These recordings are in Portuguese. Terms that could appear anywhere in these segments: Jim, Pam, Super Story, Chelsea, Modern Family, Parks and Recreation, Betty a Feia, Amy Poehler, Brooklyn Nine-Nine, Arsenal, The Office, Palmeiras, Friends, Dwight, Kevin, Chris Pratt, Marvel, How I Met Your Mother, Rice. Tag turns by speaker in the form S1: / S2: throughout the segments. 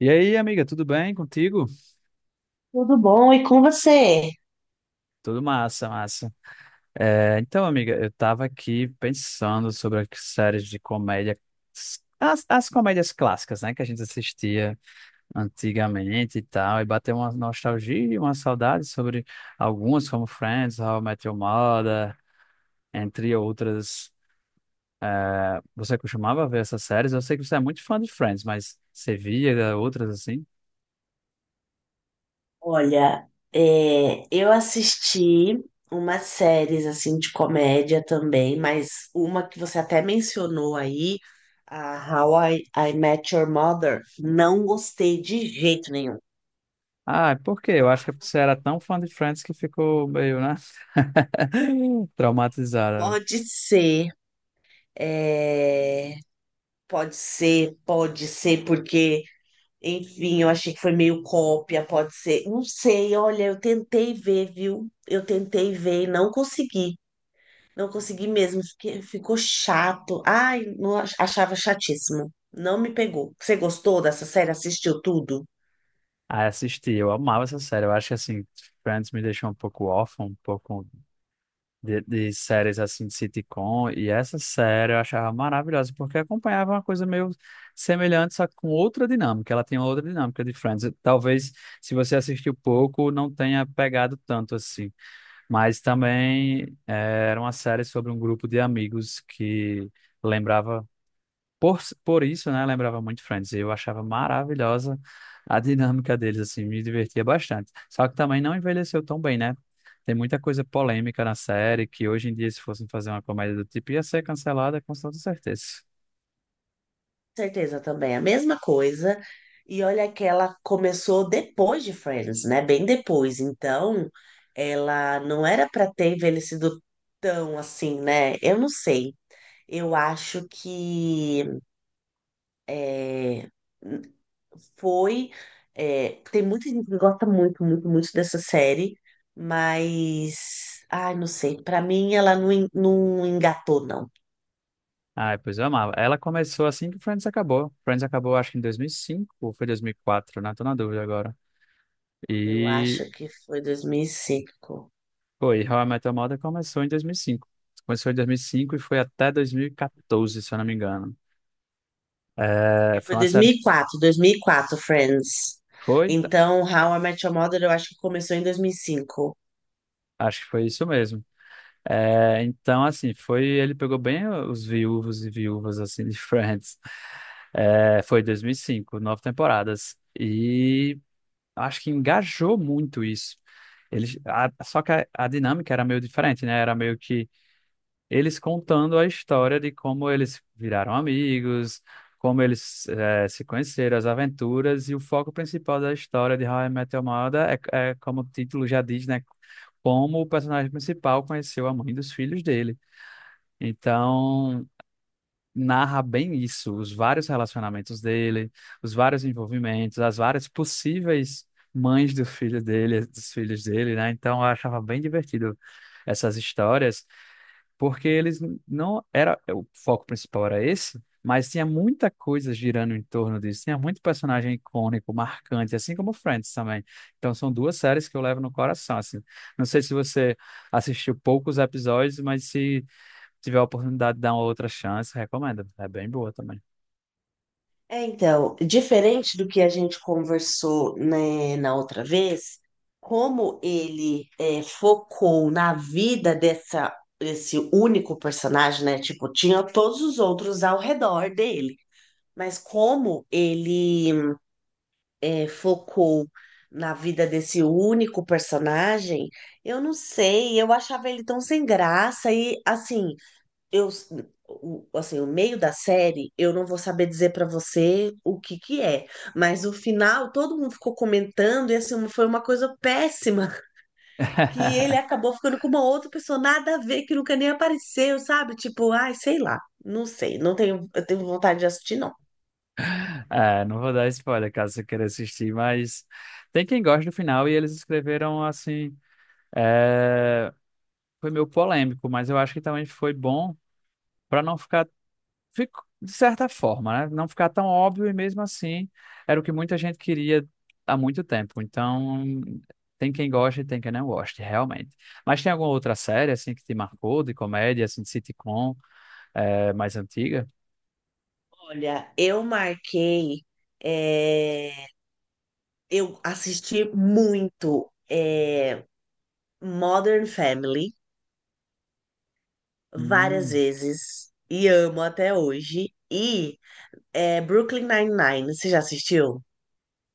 S1: E aí, amiga, tudo bem contigo?
S2: Tudo bom? E com você?
S1: Tudo massa, massa. Então, amiga, eu tava aqui pensando sobre as séries de comédia, as comédias clássicas, né, que a gente assistia antigamente e tal, e bateu uma nostalgia, e uma saudade sobre algumas, como Friends, How I Met Your Mother, entre outras. Você costumava ver essas séries? Eu sei que você é muito fã de Friends, mas você via outras assim?
S2: Olha, eu assisti umas séries assim de comédia também, mas uma que você até mencionou aí, a How I Met Your Mother, não gostei de jeito nenhum.
S1: Ah, por quê? Eu acho que você era tão fã de Friends que ficou meio, né? Traumatizada.
S2: Pode ser, é, pode ser, pode ser, porque, enfim, eu achei que foi meio cópia, pode ser, não sei, olha, eu tentei ver, viu? Eu tentei ver e não consegui. Não consegui mesmo, ficou chato. Ai, não achava chatíssimo. Não me pegou. Você gostou dessa série? Assistiu tudo?
S1: Ah, assisti, eu amava essa série. Eu acho que, assim, Friends me deixou um pouco órfão, um pouco de séries, assim, de sitcom. E essa série eu achava maravilhosa, porque acompanhava uma coisa meio semelhante, só que com outra dinâmica. Ela tinha outra dinâmica de Friends. Talvez, se você assistiu pouco, não tenha pegado tanto, assim. Mas também era uma série sobre um grupo de amigos que... Lembrava. Por isso, né, lembrava muito Friends. Eu achava maravilhosa a dinâmica deles, assim, me divertia bastante. Só que também não envelheceu tão bem, né? Tem muita coisa polêmica na série que hoje em dia, se fossem fazer uma comédia do tipo, ia ser cancelada com toda certeza.
S2: Certeza também, a mesma coisa. E olha que ela começou depois de Friends, né? Bem depois. Então, ela não era para ter envelhecido tão assim, né? Eu não sei. Eu acho que é, foi. Tem muita gente que gosta muito, muito, muito dessa série, mas. Ai, não sei. Pra mim, ela não, não engatou, não.
S1: Ah, pois eu amava. Ela começou assim que Friends acabou. Friends acabou, acho que em 2005 ou foi 2004, né? Tô na dúvida agora.
S2: Eu
S1: E,
S2: acho que foi 2005
S1: foi, e How I Met Your Mother começou em 2005. Começou em 2005 e cinco e foi até 2014, se eu não me engano.
S2: E
S1: É,
S2: foi
S1: foi uma
S2: dois mil
S1: série.
S2: mil e quatro, 2004, Friends.
S1: Foi.
S2: Então, How I Met Your Mother, eu acho que começou em 2005.
S1: Acho que foi isso mesmo. É, então, assim, foi. Ele pegou bem os viúvos e viúvas, assim, de Friends. É, foi 2005, 9 temporadas. E acho que engajou muito isso. Só que a dinâmica era meio diferente, né? Era meio que eles contando a história de como eles viraram amigos, como eles se conheceram, as aventuras, e o foco principal da história de How I Met Your Mother é, como o título já diz, né? Como o personagem principal conheceu a mãe dos filhos dele. Então, narra bem isso, os vários relacionamentos dele, os vários envolvimentos, as várias possíveis mães do filho dele, dos filhos dele, né? Então, eu achava bem divertido essas histórias, porque eles, não era o foco principal era esse, mas tinha muita coisa girando em torno disso, tinha muito personagem icônico, marcante, assim como Friends também. Então são duas séries que eu levo no coração, assim. Não sei se você assistiu poucos episódios, mas se tiver a oportunidade de dar uma outra chance, recomendo. É bem boa também.
S2: É, então, diferente do que a gente conversou, né, na outra vez, como ele focou na vida desse único personagem, né? Tipo, tinha todos os outros ao redor dele, mas como ele focou na vida desse único personagem, eu não sei, eu achava ele tão sem graça, e assim eu, assim, o meio da série, eu não vou saber dizer pra você o que que é, mas o final todo mundo ficou comentando e, assim, foi uma coisa péssima, que ele acabou ficando com uma outra pessoa nada a ver, que nunca nem apareceu, sabe? Tipo, ai, sei lá, não sei, não tenho, eu tenho vontade de assistir, não.
S1: É, não vou dar spoiler caso você queira assistir, mas tem quem gosta do final e eles escreveram assim. é, Foi meio polêmico, mas eu acho que também foi bom para não ficar, fico, de certa forma, né? Não ficar tão óbvio e mesmo assim era o que muita gente queria há muito tempo. Então, tem quem goste e tem quem não goste, realmente. Mas tem alguma outra série, assim, que te marcou, de comédia, assim, de sitcom, mais antiga?
S2: Olha, eu marquei, é, eu assisti muito, Modern Family várias
S1: Hum.
S2: vezes e amo até hoje. E Brooklyn Nine-Nine, você já assistiu?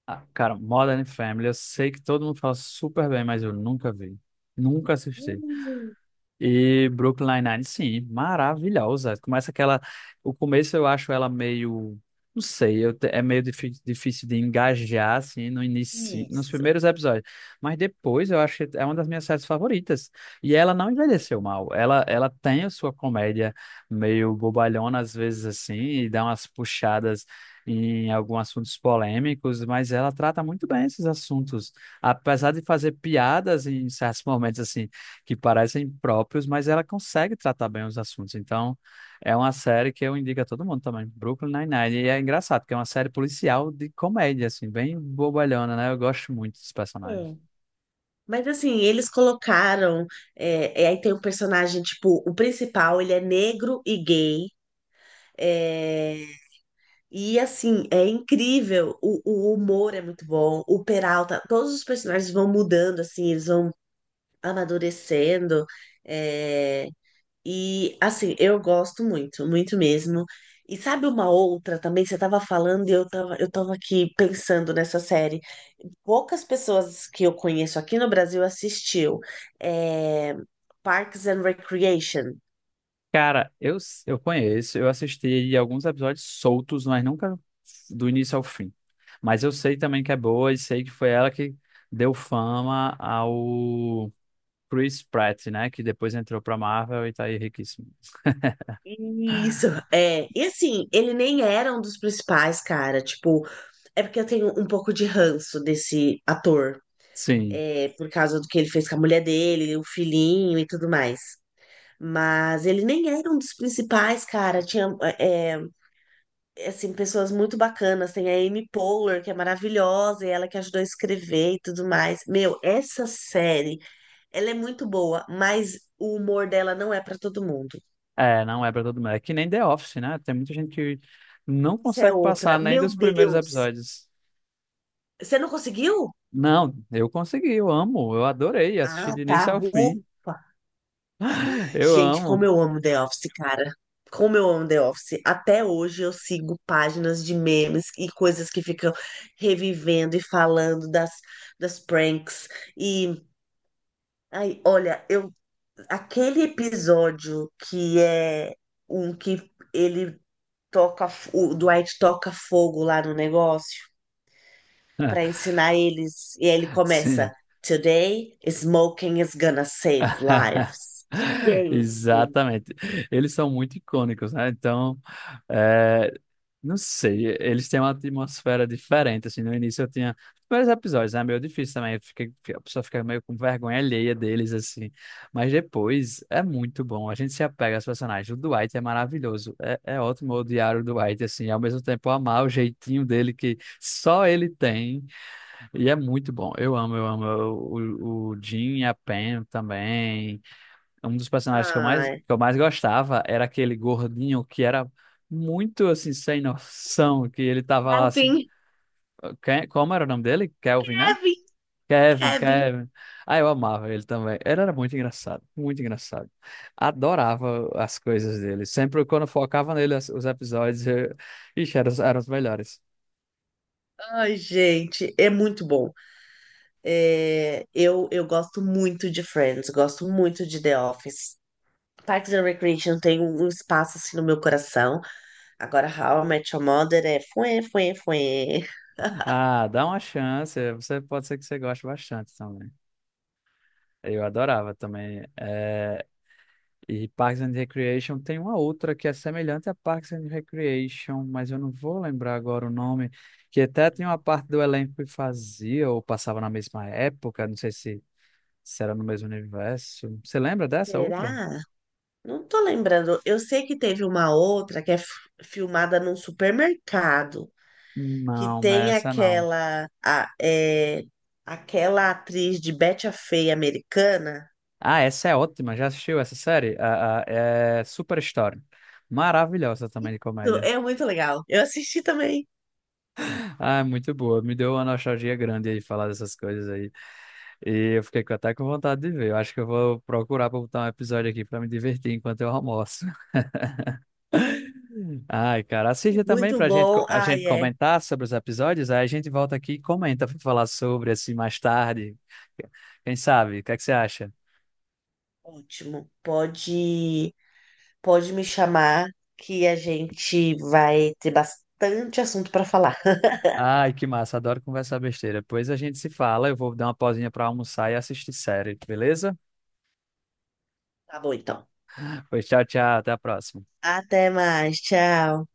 S1: Ah, cara, Modern Family, eu sei que todo mundo fala super bem, mas eu nunca vi. Nunca assisti.
S2: Hum,
S1: E Brooklyn Nine-Nine, sim, maravilhosa. Começa aquela. O começo eu acho ela meio. Não sei, é meio difícil de engajar, assim, no início, nos
S2: Isso.
S1: primeiros episódios. Mas depois eu acho que é uma das minhas séries favoritas. E ela não envelheceu mal. Ela tem a sua comédia meio bobalhona, às vezes, assim, e dá umas puxadas em alguns assuntos polêmicos, mas ela trata muito bem esses assuntos. Apesar de fazer piadas em certos momentos, assim, que parecem próprios, mas ela consegue tratar bem os assuntos. Então, é uma série que eu indico a todo mundo também, Brooklyn Nine-Nine. E é engraçado, porque é uma série policial de comédia, assim, bem bobalhona, né? Eu gosto muito dos personagens.
S2: Hum. Mas assim, eles colocaram. Aí tem um personagem, tipo, o principal, ele é negro e gay. é, e assim, é incrível. O humor é muito bom. O Peralta, todos os personagens vão mudando, assim, eles vão amadurecendo. é, E assim, eu gosto muito, muito mesmo. E sabe uma outra também, você estava falando e eu tava aqui pensando nessa série. Poucas pessoas que eu conheço aqui no Brasil assistiu. É, Parks and Recreation.
S1: Eu conheço, eu assisti alguns episódios soltos, mas nunca do início ao fim. Mas eu sei também que é boa e sei que foi ela que deu fama ao Chris Pratt, né? Que depois entrou pra Marvel e tá aí riquíssimo.
S2: Isso, é. E assim, ele nem era um dos principais, cara. Tipo, é porque eu tenho um pouco de ranço desse ator.
S1: Sim.
S2: É, por causa do que ele fez com a mulher dele, o filhinho e tudo mais. Mas ele nem era um dos principais, cara. Tinha, é, assim, pessoas muito bacanas. Tem a Amy Poehler, que é maravilhosa, e ela que ajudou a escrever e tudo mais. Meu, essa série, ela é muito boa, mas o humor dela não é pra todo mundo.
S1: É, não é pra todo mundo. É que nem The Office, né? Tem muita gente que não
S2: Essa é
S1: consegue passar
S2: outra.
S1: nem
S2: Meu
S1: dos primeiros
S2: Deus!
S1: episódios.
S2: Você não conseguiu?
S1: Não, eu consegui, eu amo, eu adorei assistir
S2: Ah,
S1: do início
S2: tá.
S1: ao fim.
S2: Ufa.
S1: Eu
S2: Gente, como
S1: amo.
S2: eu amo The Office, cara. Como eu amo The Office. Até hoje eu sigo páginas de memes e coisas que ficam revivendo e falando das pranks. E, ai, olha, aquele episódio que é um que ele toca, o Dwight toca fogo lá no negócio para ensinar eles. E aí ele
S1: Sim.
S2: começa: Today, smoking is gonna save lives. Gente.
S1: Exatamente. Eles são muito icônicos, né? Então, é, não sei, eles têm uma atmosfera diferente, assim, no início eu tinha vários episódios, né? Meio difícil também, a pessoa fica meio com vergonha alheia deles, assim, mas depois é muito bom, a gente se apega aos personagens, o Dwight é maravilhoso, é ótimo odiar o Dwight, assim, e ao mesmo tempo amar o jeitinho dele que só ele tem, e é muito bom. Eu amo, eu amo. O Jim e a Pam também. Um dos personagens que eu mais, que
S2: Ai,
S1: eu mais gostava era aquele gordinho que era muito assim, sem noção, que ele tava lá assim.
S2: sabe?
S1: Como era o nome dele? Kelvin, né?
S2: Kevin,
S1: Kevin,
S2: Kevin.
S1: Kevin. Ah, eu amava ele também. Ele era muito engraçado, muito engraçado. Adorava as coisas dele. Sempre quando focava nele os episódios, eu... Ixi, eram os melhores.
S2: Ai, gente, é muito bom. Eu gosto muito de Friends, gosto muito de The Office. Parks and Recreation tem um espaço assim no meu coração. Agora, How I Met Your Mother é fuê, fuê, fuê.
S1: Ah, dá uma chance. Você pode ser que você goste bastante também. Eu adorava também. É, e Parks and Recreation tem uma outra que é semelhante a Parks and Recreation, mas eu não vou lembrar agora o nome, que até tem uma parte do elenco que fazia ou passava na mesma época, não sei se, se era no mesmo universo. Você lembra dessa outra?
S2: Será? Não tô lembrando. Eu sei que teve uma outra que é filmada num supermercado, que
S1: Não, não é
S2: tem
S1: essa não.
S2: aquela atriz de Betty a Feia americana.
S1: Ah, essa é ótima. Já assistiu essa série? É Super Story. Maravilhosa também de comédia.
S2: É muito legal. Eu assisti também.
S1: Ah, muito boa. Me deu uma nostalgia grande aí falar dessas coisas aí. E eu fiquei até com vontade de ver. Eu acho que eu vou procurar pra botar um episódio aqui pra me divertir enquanto eu almoço. Ai, cara, assista também
S2: Muito
S1: pra gente,
S2: bom.
S1: a gente
S2: Ai, é
S1: comentar sobre os episódios. Aí a gente volta aqui e comenta pra falar sobre assim mais tarde. Quem sabe? O que é que você acha?
S2: ótimo. Pode me chamar que a gente vai ter bastante assunto para falar.
S1: Ai, que massa, adoro conversar besteira. Depois a gente se fala. Eu vou dar uma pausinha pra almoçar e assistir série, beleza?
S2: Tá bom, então.
S1: Pois tchau, tchau, até a próxima.
S2: Até mais. Tchau.